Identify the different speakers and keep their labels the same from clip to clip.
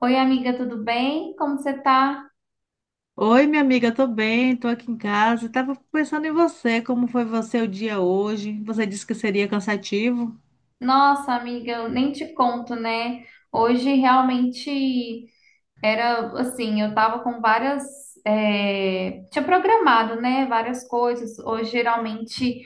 Speaker 1: Oi, amiga, tudo bem? Como você tá?
Speaker 2: Oi, minha amiga, tô bem, tô aqui em casa. Tava pensando em você, como foi você o dia hoje? Você disse que seria cansativo.
Speaker 1: Nossa, amiga, eu nem te conto, né? Hoje realmente. Era assim, eu tava com várias. Tinha programado, né? Várias coisas. Hoje, geralmente,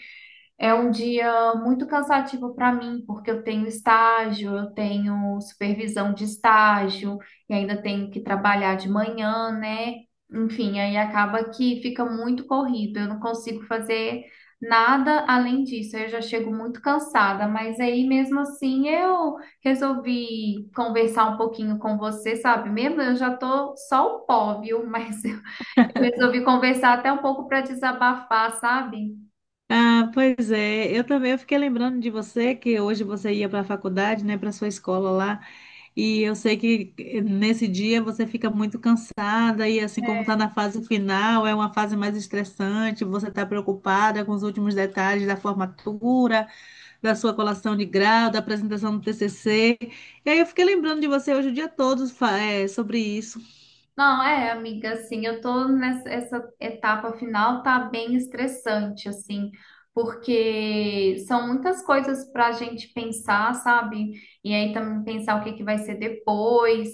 Speaker 1: é um dia muito cansativo para mim, porque eu tenho estágio, eu tenho supervisão de estágio, e ainda tenho que trabalhar de manhã, né? Enfim, aí acaba que fica muito corrido. Eu não consigo fazer nada além disso. Eu já chego muito cansada, mas aí mesmo assim eu resolvi conversar um pouquinho com você, sabe? Mesmo eu já tô só o pó, viu? Mas eu resolvi conversar até um pouco para desabafar, sabe?
Speaker 2: Ah, pois é. Eu também, eu fiquei lembrando de você que hoje você ia para a faculdade, né, para sua escola lá. E eu sei que nesse dia você fica muito cansada e assim como
Speaker 1: É.
Speaker 2: tá na fase final, é uma fase mais estressante, você tá preocupada com os últimos detalhes da formatura, da sua colação de grau, da apresentação do TCC. E aí eu fiquei lembrando de você hoje o dia todo, sobre isso.
Speaker 1: Não, é, amiga, assim, eu tô nessa essa etapa final, tá bem estressante, assim, porque são muitas coisas pra gente pensar, sabe? E aí também pensar o que que vai ser depois.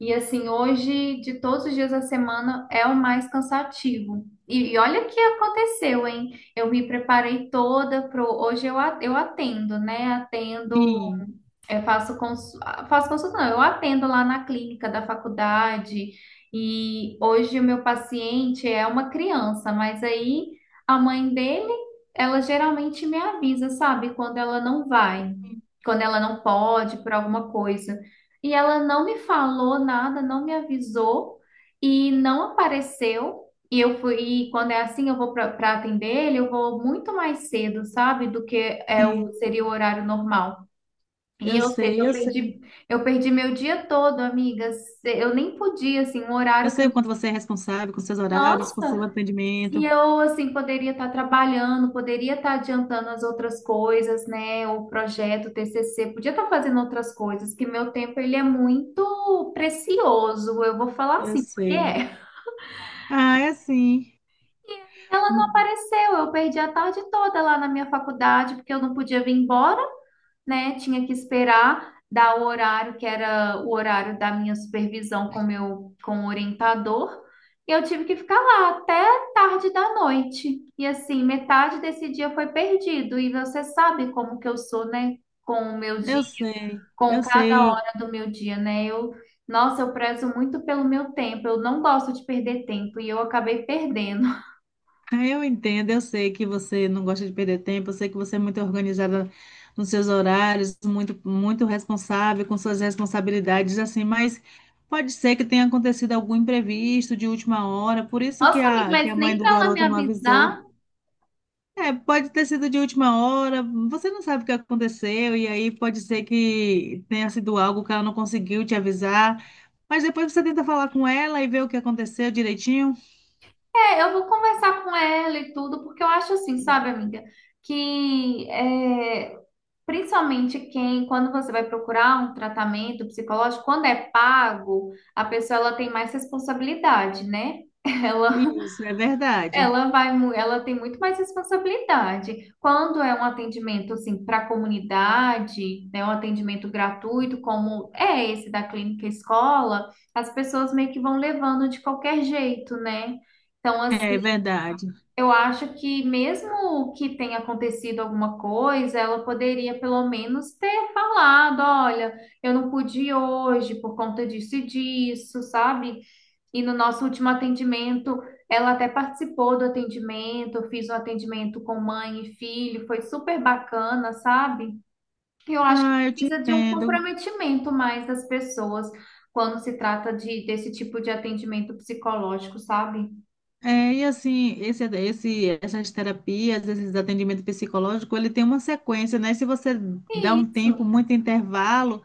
Speaker 1: E assim, hoje, de todos os dias da semana, é o mais cansativo. E, olha o que aconteceu, hein? Eu me preparei toda pro. Hoje eu, eu atendo, né? Atendo,
Speaker 2: Sim,
Speaker 1: eu faço, cons... faço consulta, não, eu atendo lá na clínica da faculdade e hoje o meu paciente é uma criança, mas aí a mãe dele, ela geralmente me avisa, sabe, quando ela não vai, quando ela não pode por alguma coisa. E ela não me falou nada, não me avisou e não apareceu. E eu fui, e quando é assim, eu vou para atender ele, eu vou muito mais cedo, sabe, do que é o,
Speaker 2: sim,
Speaker 1: seria o horário normal. E,
Speaker 2: eu
Speaker 1: ou seja,
Speaker 2: sei, eu sei.
Speaker 1: eu perdi meu dia todo, amigas. Eu nem podia, assim, um
Speaker 2: Eu
Speaker 1: horário que
Speaker 2: sei
Speaker 1: eu...
Speaker 2: o quanto você é responsável com seus horários, com seu
Speaker 1: Nossa! E
Speaker 2: atendimento.
Speaker 1: eu, assim, poderia estar trabalhando, poderia estar adiantando as outras coisas, né? O projeto, o TCC, podia estar fazendo outras coisas, que meu tempo, ele é muito precioso. Eu vou falar
Speaker 2: Eu
Speaker 1: assim, porque
Speaker 2: sei.
Speaker 1: é.
Speaker 2: Ah, é assim.
Speaker 1: E ela não
Speaker 2: Hum.
Speaker 1: apareceu. Eu perdi a tarde toda lá na minha faculdade, porque eu não podia vir embora, né? Tinha que esperar dar o horário, que era o horário da minha supervisão com o orientador. E eu tive que ficar lá até tarde da noite. E assim, metade desse dia foi perdido. E você sabe como que eu sou, né? Com o meu dia,
Speaker 2: Eu sei,
Speaker 1: com
Speaker 2: eu
Speaker 1: cada
Speaker 2: sei.
Speaker 1: hora do meu dia, né? Eu, nossa, eu prezo muito pelo meu tempo. Eu não gosto de perder tempo e eu acabei perdendo.
Speaker 2: Ah, eu entendo, eu sei que você não gosta de perder tempo, eu sei que você é muito organizada nos seus horários, muito, muito responsável com suas responsabilidades, assim, mas pode ser que tenha acontecido algum imprevisto de última hora, por isso que
Speaker 1: Nossa, amiga,
Speaker 2: a, que
Speaker 1: mas
Speaker 2: a mãe
Speaker 1: nem
Speaker 2: do
Speaker 1: para ela me
Speaker 2: garoto não avisou.
Speaker 1: avisar.
Speaker 2: É, pode ter sido de última hora, você não sabe o que aconteceu, e aí pode ser que tenha sido algo que ela não conseguiu te avisar, mas depois você tenta falar com ela e ver o que aconteceu direitinho.
Speaker 1: É, eu vou conversar com ela e tudo, porque eu acho assim, sabe, amiga, que é, principalmente quem, quando você vai procurar um tratamento psicológico, quando é pago, a pessoa ela tem mais responsabilidade, né? Ela
Speaker 2: Isso, é verdade.
Speaker 1: Ela vai, ela tem muito mais responsabilidade. Quando é um atendimento assim para a comunidade, né, um atendimento gratuito, como é esse da clínica escola, as pessoas meio que vão levando de qualquer jeito, né? Então, assim,
Speaker 2: É verdade.
Speaker 1: eu acho que mesmo que tenha acontecido alguma coisa, ela poderia pelo menos ter falado, olha, eu não pude ir hoje por conta disso e disso, sabe? E no nosso último atendimento, ela até participou do atendimento, eu fiz um atendimento com mãe e filho, foi super bacana, sabe? Eu acho que
Speaker 2: Ah, eu te
Speaker 1: precisa de um
Speaker 2: entendo.
Speaker 1: comprometimento mais das pessoas quando se trata desse tipo de atendimento psicológico, sabe?
Speaker 2: É, e assim, essas terapias, esses atendimentos psicológicos, ele tem uma sequência, né? Se você dá um tempo,
Speaker 1: Isso.
Speaker 2: muito intervalo,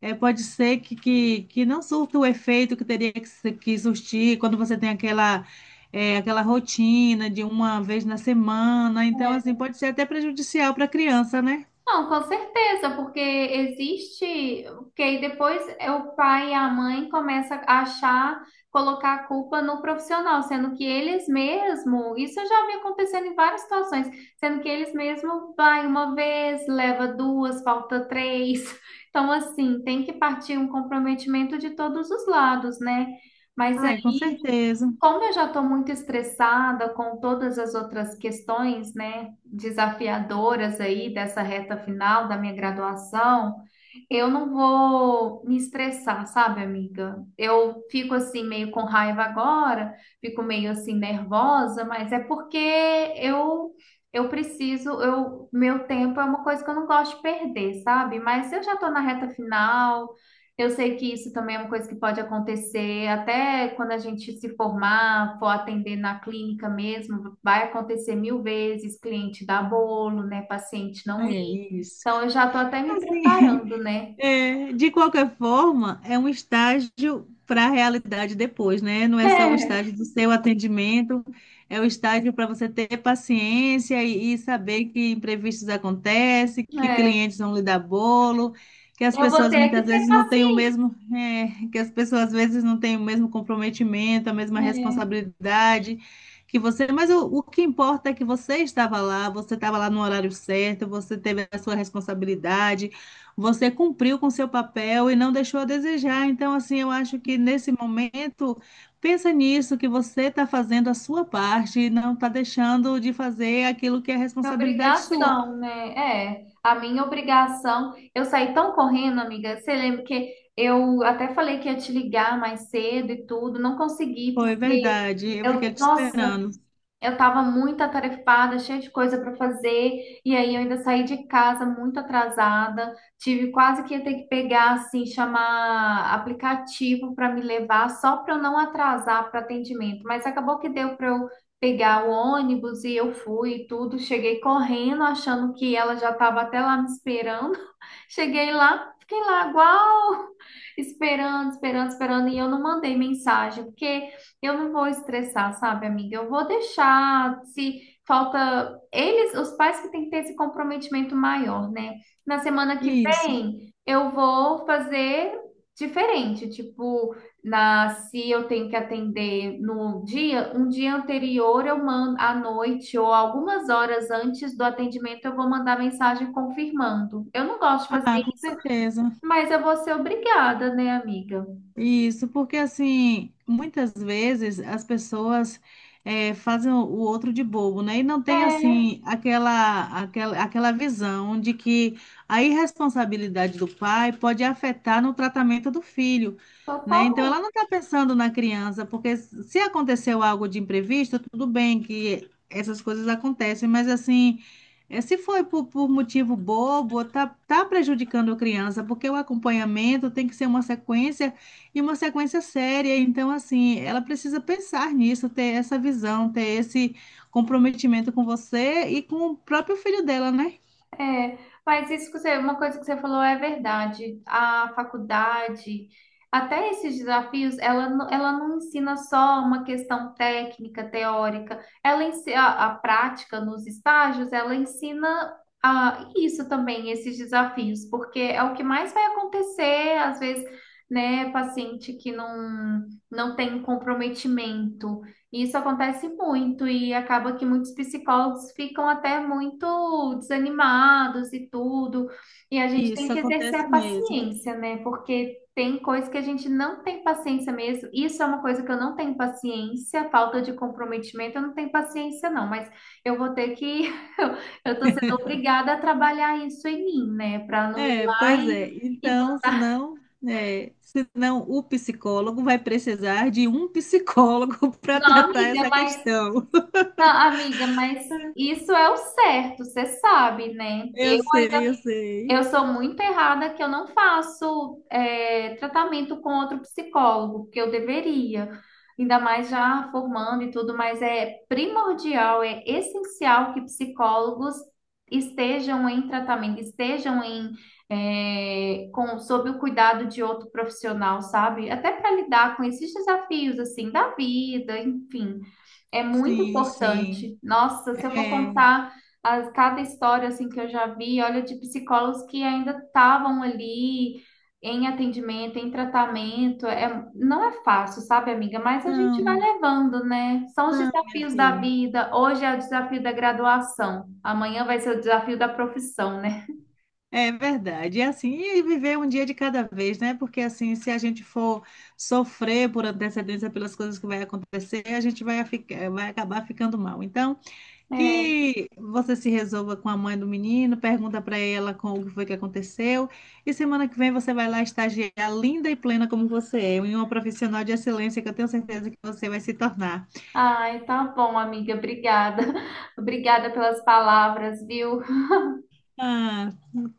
Speaker 2: é, pode ser que não surta o efeito que teria que, se- que surtir quando você tem aquela, é, aquela rotina de uma vez na semana. Então, assim,
Speaker 1: É.
Speaker 2: pode ser até prejudicial para a criança, né?
Speaker 1: Não, com certeza, porque existe, porque aí depois é o pai e a mãe começa a achar, colocar a culpa no profissional, sendo que eles mesmo, isso eu já vi acontecendo em várias situações, sendo que eles mesmo vai uma vez, leva duas, falta três. Então, assim, tem que partir um comprometimento de todos os lados, né? Mas
Speaker 2: Ai, com
Speaker 1: aí
Speaker 2: certeza.
Speaker 1: como eu já estou muito estressada com todas as outras questões, né, desafiadoras aí dessa reta final da minha graduação, eu não vou me estressar, sabe, amiga? Eu fico assim meio com raiva agora, fico meio assim nervosa, mas é porque eu eu preciso, eu meu tempo é uma coisa que eu não gosto de perder, sabe? Mas eu já estou na reta final. Eu sei que isso também é uma coisa que pode acontecer, até quando a gente se formar, for atender na clínica mesmo, vai acontecer 1.000 vezes, cliente dá bolo, né? Paciente não ir.
Speaker 2: É isso.
Speaker 1: Então eu já tô até me
Speaker 2: Assim.
Speaker 1: preparando, né?
Speaker 2: É, de qualquer forma, é um estágio para a realidade depois, né? Não é só o estágio do seu atendimento, é o estágio para você ter paciência e saber que imprevistos acontecem, que
Speaker 1: É, é.
Speaker 2: clientes vão lhe dar bolo, que as
Speaker 1: Eu vou
Speaker 2: pessoas
Speaker 1: ter que
Speaker 2: muitas
Speaker 1: ter
Speaker 2: vezes não têm o
Speaker 1: paciência,
Speaker 2: mesmo, que as pessoas às vezes não têm o mesmo comprometimento, a mesma
Speaker 1: né?
Speaker 2: responsabilidade que você, mas o que importa é que você estava lá no horário certo, você teve a sua responsabilidade. Você cumpriu com seu papel e não deixou a desejar. Então, assim, eu acho que nesse momento, pensa nisso, que você está fazendo a sua parte e não está deixando de fazer aquilo que é
Speaker 1: Minha
Speaker 2: responsabilidade sua.
Speaker 1: obrigação, né? É, a minha obrigação. Eu saí tão correndo, amiga. Você lembra que eu até falei que ia te ligar mais cedo e tudo, não consegui,
Speaker 2: Foi
Speaker 1: porque
Speaker 2: verdade. Eu
Speaker 1: eu,
Speaker 2: fiquei te
Speaker 1: nossa,
Speaker 2: esperando.
Speaker 1: eu estava muito atarefada, cheia de coisa para fazer, e aí eu ainda saí de casa muito atrasada. Tive quase que ia ter que pegar, assim, chamar aplicativo para me levar, só para eu não atrasar para atendimento. Mas acabou que deu para eu pegar o ônibus e eu fui e tudo. Cheguei correndo, achando que ela já estava até lá me esperando. Cheguei lá, fiquei lá, igual esperando, esperando, esperando, e eu não mandei mensagem, porque eu não vou estressar, sabe, amiga? Eu vou deixar, se falta eles, os pais que têm que ter esse comprometimento maior, né? Na semana que
Speaker 2: Isso.
Speaker 1: vem eu vou fazer diferente, tipo, na se eu tenho que atender no dia, um dia anterior eu mando à noite ou algumas horas antes do atendimento eu vou mandar mensagem confirmando. Eu não gosto de fazer
Speaker 2: Ah, com
Speaker 1: isso.
Speaker 2: certeza.
Speaker 1: Mas eu vou ser obrigada, né, amiga?
Speaker 2: Isso, porque assim, muitas vezes as pessoas fazem o outro de bobo, né? E não tem
Speaker 1: É,
Speaker 2: assim aquela visão de que a irresponsabilidade do pai pode afetar no tratamento do filho, né? Então ela
Speaker 1: totalmente.
Speaker 2: não está pensando na criança, porque se aconteceu algo de imprevisto, tudo bem que essas coisas acontecem, mas assim, se foi por motivo bobo, tá, tá prejudicando a criança, porque o acompanhamento tem que ser uma sequência e uma sequência séria, então assim, ela precisa pensar nisso, ter essa visão, ter esse comprometimento com você e com o próprio filho dela, né?
Speaker 1: É, mas isso que você, uma coisa que você falou é verdade. A faculdade, até esses desafios, ela não ensina só uma questão técnica, teórica. Ela ensina a prática nos estágios, ela ensina isso também, esses desafios, porque é o que mais vai acontecer, às vezes, né, paciente que não tem comprometimento. E isso acontece muito e acaba que muitos psicólogos ficam até muito desanimados e tudo. E a gente tem
Speaker 2: Isso
Speaker 1: que exercer
Speaker 2: acontece
Speaker 1: a
Speaker 2: mesmo.
Speaker 1: paciência, né? Porque tem coisa que a gente não tem paciência mesmo. Isso é uma coisa que eu não tenho paciência, falta de comprometimento, eu não tenho paciência não, mas eu vou ter que eu eu tô sendo obrigada a trabalhar isso em mim, né? Para não ir
Speaker 2: É,
Speaker 1: lá
Speaker 2: pois é.
Speaker 1: e
Speaker 2: Então, senão, senão o psicólogo vai precisar de um psicólogo para
Speaker 1: não,
Speaker 2: tratar
Speaker 1: amiga,
Speaker 2: essa
Speaker 1: mas
Speaker 2: questão.
Speaker 1: Não, amiga, mas isso é o certo, você sabe, né?
Speaker 2: Eu sei, eu sei.
Speaker 1: Eu sou muito errada que eu não faço é, tratamento com outro psicólogo, porque eu deveria, ainda mais já formando e tudo, mas é primordial, é essencial que psicólogos estejam em tratamento, estejam em é, com, sob o cuidado de outro profissional, sabe? Até para lidar com esses desafios assim da vida, enfim, é muito
Speaker 2: Sim, sim.
Speaker 1: importante. Nossa, se eu for
Speaker 2: É.
Speaker 1: contar cada história assim que eu já vi, olha, de psicólogos que ainda estavam ali em atendimento, em tratamento, é, não é fácil, sabe, amiga? Mas a gente vai
Speaker 2: Não,
Speaker 1: levando, né? São os
Speaker 2: não, minha
Speaker 1: desafios da
Speaker 2: filha.
Speaker 1: vida. Hoje é o desafio da graduação, amanhã vai ser o desafio da profissão, né?
Speaker 2: É verdade. E assim, e viver um dia de cada vez, né? Porque assim, se a gente for sofrer por antecedência pelas coisas que vai acontecer, a gente vai, ficar, vai acabar ficando mal. Então,
Speaker 1: É.
Speaker 2: que você se resolva com a mãe do menino, pergunta para ela com o que foi que aconteceu, e semana que vem você vai lá estagiar linda e plena como você é, e uma profissional de excelência que eu tenho certeza que você vai se tornar.
Speaker 1: Ai, tá bom, amiga, obrigada. Obrigada pelas palavras, viu?
Speaker 2: Ah,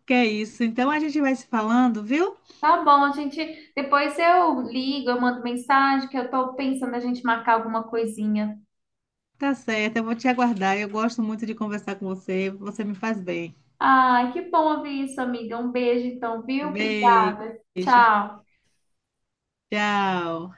Speaker 2: que é isso. Então a gente vai se falando, viu?
Speaker 1: Tá bom, a gente. Depois eu ligo, eu mando mensagem, que eu tô pensando a gente marcar alguma coisinha.
Speaker 2: Tá certo, eu vou te aguardar. Eu gosto muito de conversar com você. Você me faz bem.
Speaker 1: Ai, que bom ouvir isso, amiga. Um beijo, então, viu? Obrigada.
Speaker 2: Beijo.
Speaker 1: Tchau.
Speaker 2: Tchau.